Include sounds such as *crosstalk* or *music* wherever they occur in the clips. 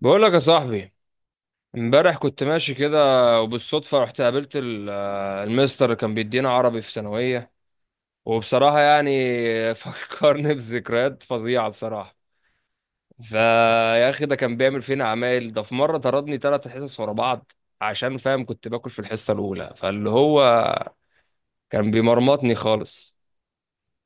بقول لك يا صاحبي، امبارح كنت ماشي كده وبالصدفة رحت قابلت المستر اللي كان بيدينا عربي في ثانوية. وبصراحة يعني *laughs* فكرني بذكريات فظيعة بصراحة. فيا أخي ده كان بيعمل فينا عمايل. ده في مرة طردني ثلاث حصص ورا بعض عشان فاهم كنت باكل في الحصة الأولى، فاللي هو كان بيمرمطني خالص.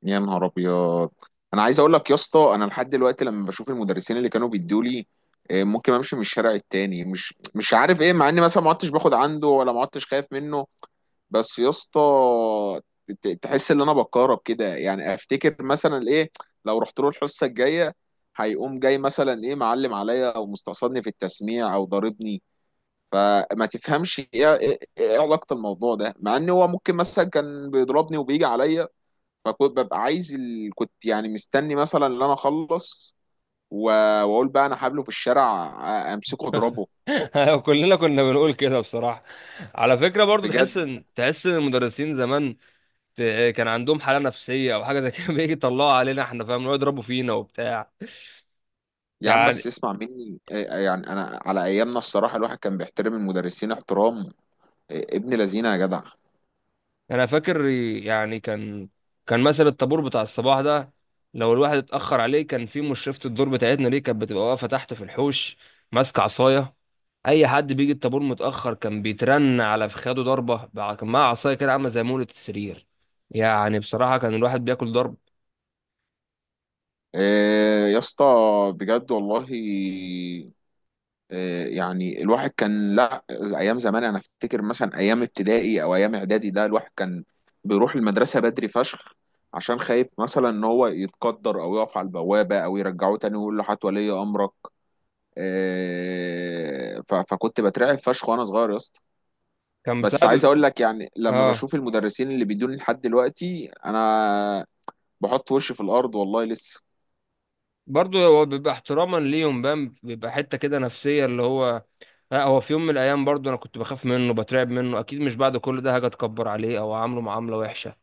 يا نهار ابيض. انا عايز اقول لك يا اسطى، انا لحد دلوقتي لما بشوف المدرسين اللي كانوا بيدوا لي ممكن امشي من الشارع التاني، مش عارف ايه، مع اني مثلا ما عدتش باخد عنده ولا ما عدتش خايف منه. بس يا اسطى، تحس ان انا بتكهرب كده، يعني افتكر مثلا ايه، لو رحت له الحصه الجايه هيقوم جاي مثلا ايه معلم عليا او مستقصدني في التسميع او ضاربني. فما تفهمش ايه ايه إيه علاقه الموضوع ده، مع ان هو ممكن مثلا كان بيضربني وبيجي عليا. فكنت ببقى عايز ال... كنت يعني مستني مثلا ان انا اخلص و... واقول بقى انا هقابله في الشارع، امسكه اضربه. *laughs* كلنا كنا بنقول كده بصراحة. على فكرة برضو تحس بجد. إن تحس إن المدرسين زمان كان عندهم حالة نفسية أو حاجة زي كده. *laughs* بيجي يطلعوا علينا إحنا فاهم، يقعدوا يضربوا فينا وبتاع. يا عم يعني بس اسمع مني، يعني انا على ايامنا الصراحه الواحد كان بيحترم المدرسين احترام. إيه، ابن لذينه يا جدع. أنا فاكر يعني كان مثلا الطابور بتاع الصباح ده لو الواحد اتأخر عليه، كان في مشرفة الدور بتاعتنا دي كانت بتبقى واقفة تحت في الحوش ماسكة عصاية. أي حد بيجي الطابور متأخر كان بيترن على فخاده ضربة، كان معاه عصاية كده عاملة زي مولة السرير. يعني بصراحة كان الواحد بياكل ضرب. إيه، يا اسطى بجد والله. يعني الواحد كان، لا، ايام زمان انا افتكر مثلا ايام ابتدائي او ايام اعدادي، ده الواحد كان بيروح المدرسه بدري فشخ، عشان خايف مثلا ان هو يتقدر او يقف على البوابه او يرجعوه تاني ويقول له هات ولي امرك. فكنت بترعب فشخ وانا صغير يا اسطى. كان بس عايز بسبب اقول لك يعني لما آه، بشوف المدرسين اللي بيدوني لحد دلوقتي انا بحط وشي في الارض والله لسه. برضه هو بيبقى احتراما ليهم بقى. بيبقى حتة كده نفسية اللي هو، لا هو في يوم من الايام برضو انا كنت بخاف منه بترعب منه، اكيد مش بعد كل ده هاجي اتكبر عليه او اعامله معامله وحشه.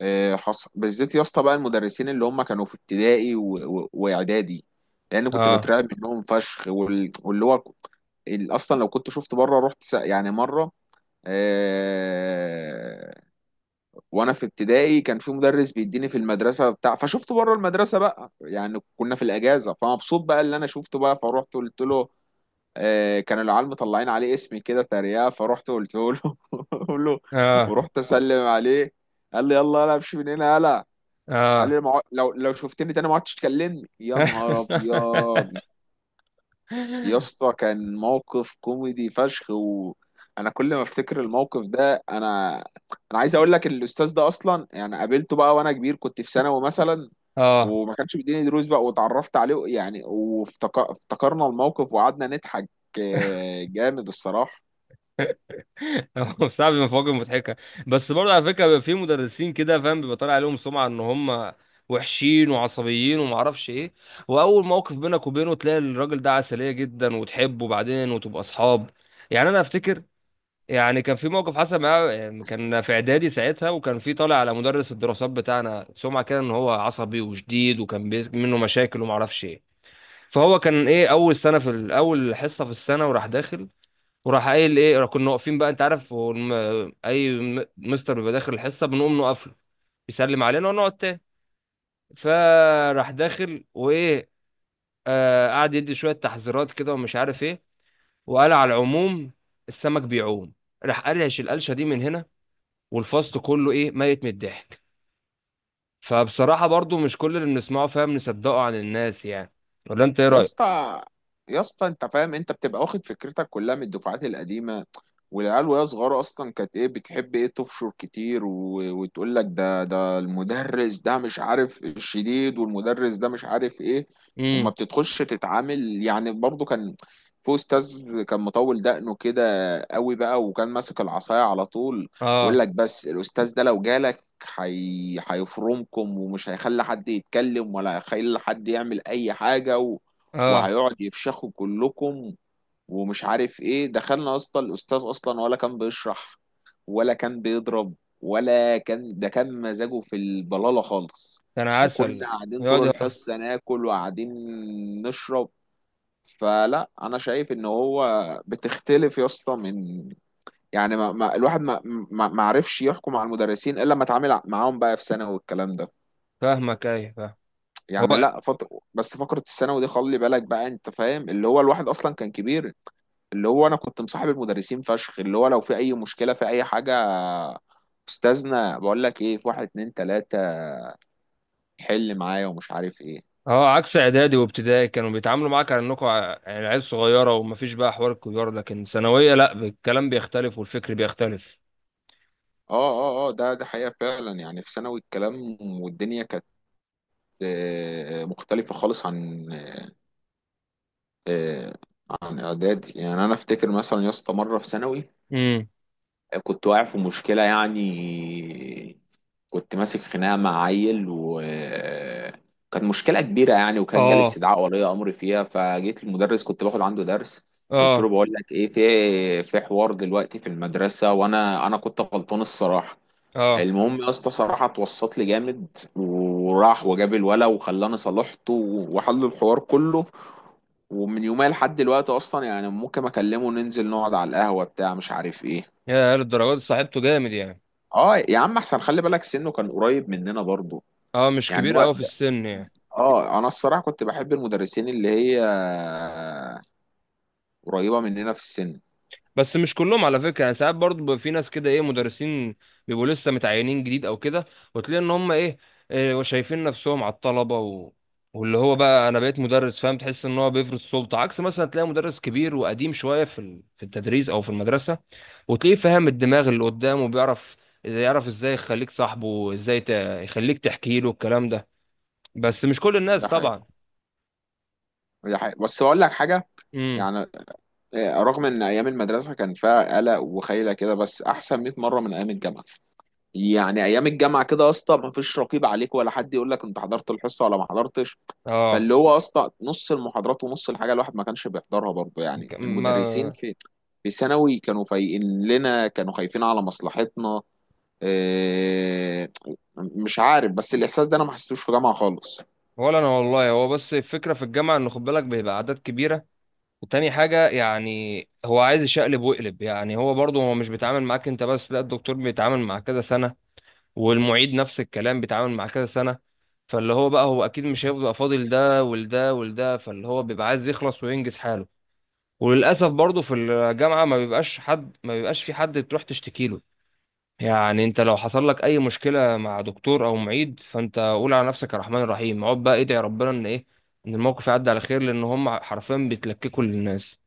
حصل بالذات يا اسطى بقى المدرسين اللي هم كانوا في ابتدائي واعدادي، لان كنت اه. بترعب منهم فشخ واللي هو، اصلا لو كنت شفت بره رحت يعني مره، آه... وانا في ابتدائي كان في مدرس بيديني في المدرسه بتاع، فشفته بره المدرسه بقى، يعني كنا في الاجازه، فمبسوط بقى اللي انا شفته بقى، فروحت قلت له. كان العيال مطلعين عليه اسمي كده تريقه، فرحت قلت له *laughs* قلت له. اه. ورحت اسلم عليه، قال لي يلا يلا امشي من هنا يلا. قال اه. لي لو شفتني تاني ما عدتش تكلمني. يا نهار ابيض. *laughs* يا اسطى كان موقف كوميدي فشخ، وانا كل ما افتكر الموقف ده انا عايز اقول لك، الاستاذ ده اصلا يعني قابلته بقى وانا كبير، كنت في ثانوي مثلا، اه. وما كانش بيديني دروس بقى، واتعرفت عليه يعني، وافتكرنا الموقف وقعدنا نضحك. جامد الصراحة. هو صعب مفاجأة مضحكه. بس برضه على فكره بيبقى في مدرسين كده فاهم بيبقى طالع عليهم سمعه ان هم وحشين وعصبيين وما اعرفش ايه، واول موقف بينك وبينه تلاقي الراجل ده عسليه جدا وتحبه بعدين وتبقى اصحاب. يعني انا افتكر يعني كان في موقف حصل معاه، كان في اعدادي ساعتها، وكان في طالع على مدرس الدراسات بتاعنا سمعه كده ان هو عصبي وشديد وكان منه مشاكل وما اعرفش ايه. فهو كان ايه اول اول حصه في السنه وراح داخل، وراح قايل ايه. كنا واقفين بقى، انت عارف هو مستر بيبقى داخل الحصه بنقوم نقف له، يسلم علينا ونقعد تاني. فراح داخل وايه، آه، قعد يدي شويه تحذيرات كده ومش عارف ايه، وقال على العموم السمك بيعوم. راح قرش القلشه دي من هنا، والفصل كله ايه، ميت من الضحك. فبصراحة برضو مش كل اللي بنسمعه فاهم نصدقه عن الناس يعني. ولا انت ايه يا رأيك؟ اسطى يا اسطى انت فاهم، انت بتبقى واخد فكرتك كلها من الدفعات القديمه، والعيال وهي صغيره اصلا كانت ايه بتحب ايه تفشر كتير وتقول لك ده المدرس ده مش عارف الشديد، والمدرس ده مش عارف ايه. وما امم. بتدخلش تتعامل يعني، برضو كان في استاذ كان مطول دقنه كده قوي بقى، وكان ماسك العصايه على طول، ويقول اه. لك بس الاستاذ ده لو جالك هيفرمكم، ومش هيخلي حد يتكلم، ولا هيخلي حد يعمل اي حاجه، اه. وهيقعد يفشخوا كلكم ومش عارف ايه. دخلنا يا اسطى الاستاذ اصلا ولا كان بيشرح ولا كان بيضرب، ولا كان ده كان مزاجه في الضلالة خالص، كان وكنا عسل. قاعدين يقعد طول يهزر. الحصة ناكل وقاعدين نشرب. فلا انا شايف ان هو بتختلف يا اسطى من، يعني، ما الواحد ما عرفش يحكم على المدرسين الا لما اتعامل معاهم بقى في ثانوي والكلام ده. فاهمك، ايه فاهم. يعني هو لا، فترة بس فقرة الثانوي دي خلي بالك بقى انت فاهم، اللي هو الواحد اصلا كان كبير، اللي هو انا كنت مصاحب المدرسين فشخ، اللي هو لو في اي مشكله في اي حاجه، استاذنا بقول لك ايه في واحد اتنين تلاته حل معايا ومش عارف ايه. اه عكس اعدادي وابتدائي كانوا بيتعاملوا معاك على يعني عيال صغيرة ومفيش بقى حوار الكبار، لكن ثانوية لا، الكلام بيختلف والفكر بيختلف. اه اه اه، ده حقيقه فعلا. يعني في ثانوي الكلام والدنيا كانت مختلفه خالص، آه، عن اعدادي. يعني انا افتكر مثلا يا اسطى مره في ثانوي امم. كنت واقع في مشكله، يعني كنت ماسك خناقه مع عيل وكانت مشكله كبيره يعني، وكان جالي اه. استدعاء ولي امر فيها، فجيت المدرس كنت باخد عنده درس، قلت له اه. بقول لك ايه، في حوار دلوقتي في المدرسه وانا انا كنت غلطان الصراحه. اه. المهم يا اسطى صراحه اتوسط لي جامد، وراح وجاب الولا وخلاني صالحته وحل الحوار كله. ومن يومها لحد دلوقتي اصلا يعني ممكن اكلمه ننزل نقعد على القهوه بتاع مش عارف ايه. يا للدرجات، صاحبته جامد يعني. اه يا عم، احسن خلي بالك سنه كان قريب مننا برضه اه مش يعني كبير هو. قوي في السن يعني. اه، انا الصراحه كنت بحب المدرسين اللي هي قريبه مننا في السن. بس مش كلهم على فكره يعني، ساعات برضه بيبقى في ناس كده ايه، مدرسين بيبقوا لسه متعينين جديد او كده، وتلاقي ان هم ايه، إيه، شايفين نفسهم على الطلبه، واللي هو بقى انا بقيت مدرس فاهم، تحس ان هو بيفرض سلطه. عكس مثلا تلاقي مدرس كبير وقديم شويه في التدريس او في المدرسه، وتلاقيه فاهم الدماغ اللي قدامه وبيعرف إذا يعرف ازاي يخليك صاحبه وازاي يخليك تحكي له الكلام ده. بس مش كل الناس ده حقيقي. طبعا. ده حقيقي، بس اقول لك حاجه، امم. يعني رغم ان ايام المدرسه كان فيها قلق وخيله كده، بس احسن 100 مره من ايام الجامعه. يعني ايام الجامعه كده يا اسطى ما فيش رقيب عليك ولا حد يقول لك انت حضرت الحصه ولا ما حضرتش. اه. فاللي هو يا اسطى نص المحاضرات ونص الحاجه الواحد ما كانش بيحضرها برضه، يعني ك- ما المدرسين في ثانوي كانوا فايقين لنا، كانوا خايفين على مصلحتنا. إيه، مش عارف بس الإحساس ده أنا ما حسيتوش في جامعة خالص. ولا انا والله. هو بس الفكره في الجامعه ان خد بالك بيبقى اعداد كبيره، وتاني حاجة يعني هو عايز يشقلب ويقلب. يعني هو برضه هو مش بيتعامل معاك انت بس، لا، الدكتور بيتعامل مع كذا سنة، والمعيد نفس الكلام بيتعامل مع كذا سنة، فاللي هو بقى هو اكيد مش هيفضل فاضل ده، ولده ولده، فاللي هو بيبقى عايز يخلص وينجز حاله. وللأسف برضه في الجامعة ما بيبقاش في حد تروح تشتكي له. يعني انت لو حصل لك اي مشكلة مع دكتور او معيد فانت قول على نفسك الرحمن الرحيم، اقعد بقى ادعي ربنا ان ايه، ان الموقف يعدي على خير، لان هم حرفيا بيتلككوا للناس.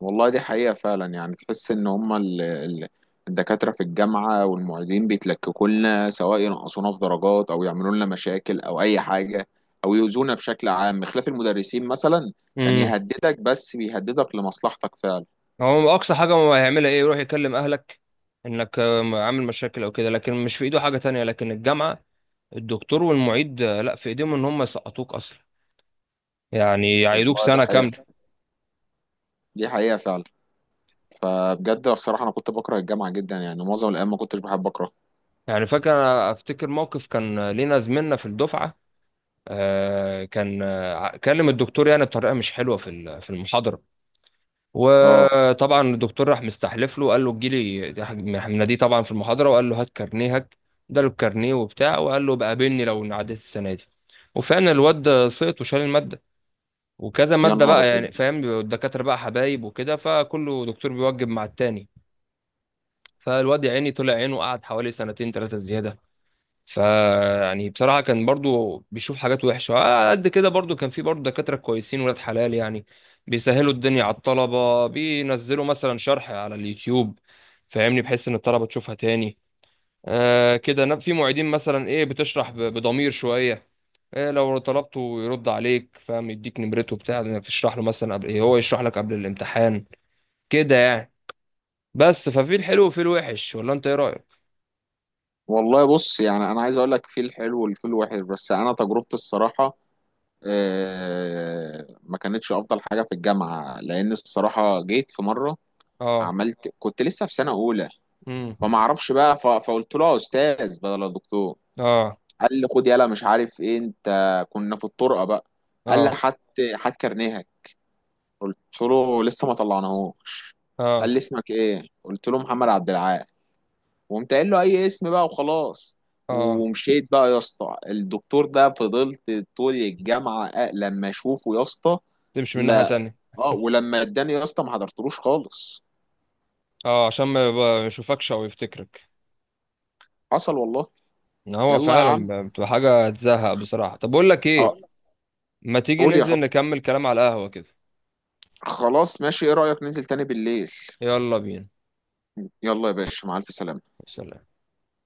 والله دي حقيقة فعلا، يعني تحس إن هما الدكاترة في الجامعة والمعيدين بيتلككوا لنا، سواء ينقصونا في درجات أو يعملوا لنا مشاكل أو أي حاجة، أو يؤذونا بشكل عام. خلاف المدرسين مثلا، كان يهددك بس بيهددك لمصلحتك فعلا. هو اقصى حاجه هو هيعملها ايه، يروح يكلم اهلك انك عامل مشاكل او كده، لكن مش في ايده حاجه تانية. لكن الجامعه، الدكتور والمعيد لا في ايديهم ان هم يسقطوك اصلا، يعني يعيدوك والله دي سنه كامله. حقيقة. دي حقيقة فعلا. فبجد الصراحة أنا كنت بكره الجامعة جدا، يعني معظم الأيام ما كنتش بحب أكره. يعني فاكر أنا، افتكر موقف كان لينا زميلنا في الدفعه، آه، كان آه، كلم الدكتور يعني بطريقه مش حلوه في المحاضره. أه. وطبعا الدكتور راح مستحلف له، قال له تجيلي. راح مناديه طبعا في المحاضره وقال له هات كارنيهك. اداله الكارنيه وبتاع، وقال له بقابلني لو عديت السنه دي. وفعلا الواد ده سقط وشال الماده، وكذا يا ماده نهار بقى أبيض. يعني فاهم، بيبقوا الدكاتره بقى حبايب وكده، فكله دكتور بيوجب مع التاني. فالواد يا عيني طلع عينه، قعد حوالي سنتين ثلاثه زياده. فيعني بصراحة كان برضو بيشوف حاجات وحشة، على قد كده برضو كان في برضو دكاترة كويسين ولاد حلال يعني، بيسهلوا الدنيا على الطلبة، بينزلوا مثلا شرح على اليوتيوب فاهمني، بحيث ان الطلبة تشوفها تاني. آه كده، في معيدين مثلا ايه بتشرح بضمير شوية. إيه، لو طلبته يرد عليك فاهم، يديك نمرته بتاع انك تشرح له، مثلا قبل ايه هو يشرح لك قبل الامتحان كده يعني. بس ففي الحلو وفي الوحش، ولا انت ايه رأيك؟ والله بص يعني انا عايز اقول لك في الحلو والفي الوحش، بس انا تجربتي الصراحه ما كانتش افضل حاجه في الجامعه، لان الصراحه جيت في مره، اه. عملت، كنت لسه في سنه اولى، امم. فما اعرفش بقى، فقلت له يا استاذ بدل الدكتور. اه. قال لي خد يلا مش عارف ايه انت، كنا في الطرقه بقى. قال لي اه. هات هات كارنيهك. قلت له لسه ما طلعناهوش. اه. قال لي اسمك ايه، قلت له محمد عبد العال، وقمت قايل له اي اسم بقى وخلاص، اه. ومشيت بقى يا اسطى. الدكتور ده فضلت طول الجامعه، لما اشوفه يا اسطى. تمشي من ناحية لا. تانية. اه، ولما اداني يا اسطى ما حضرتلوش خالص. اه عشان ما يشوفكش او يفتكرك. حصل والله. ان هو يلا يا فعلا عم. بتبقى حاجة تزهق بصراحة. طب اقول لك ايه، اه، ما تيجي قول يا حب. ننزل نكمل كلام على القهوة كده. خلاص ماشي، ايه رايك ننزل تاني بالليل؟ يلا بينا. يلا يا باشا، مع الف سلامه. سلام.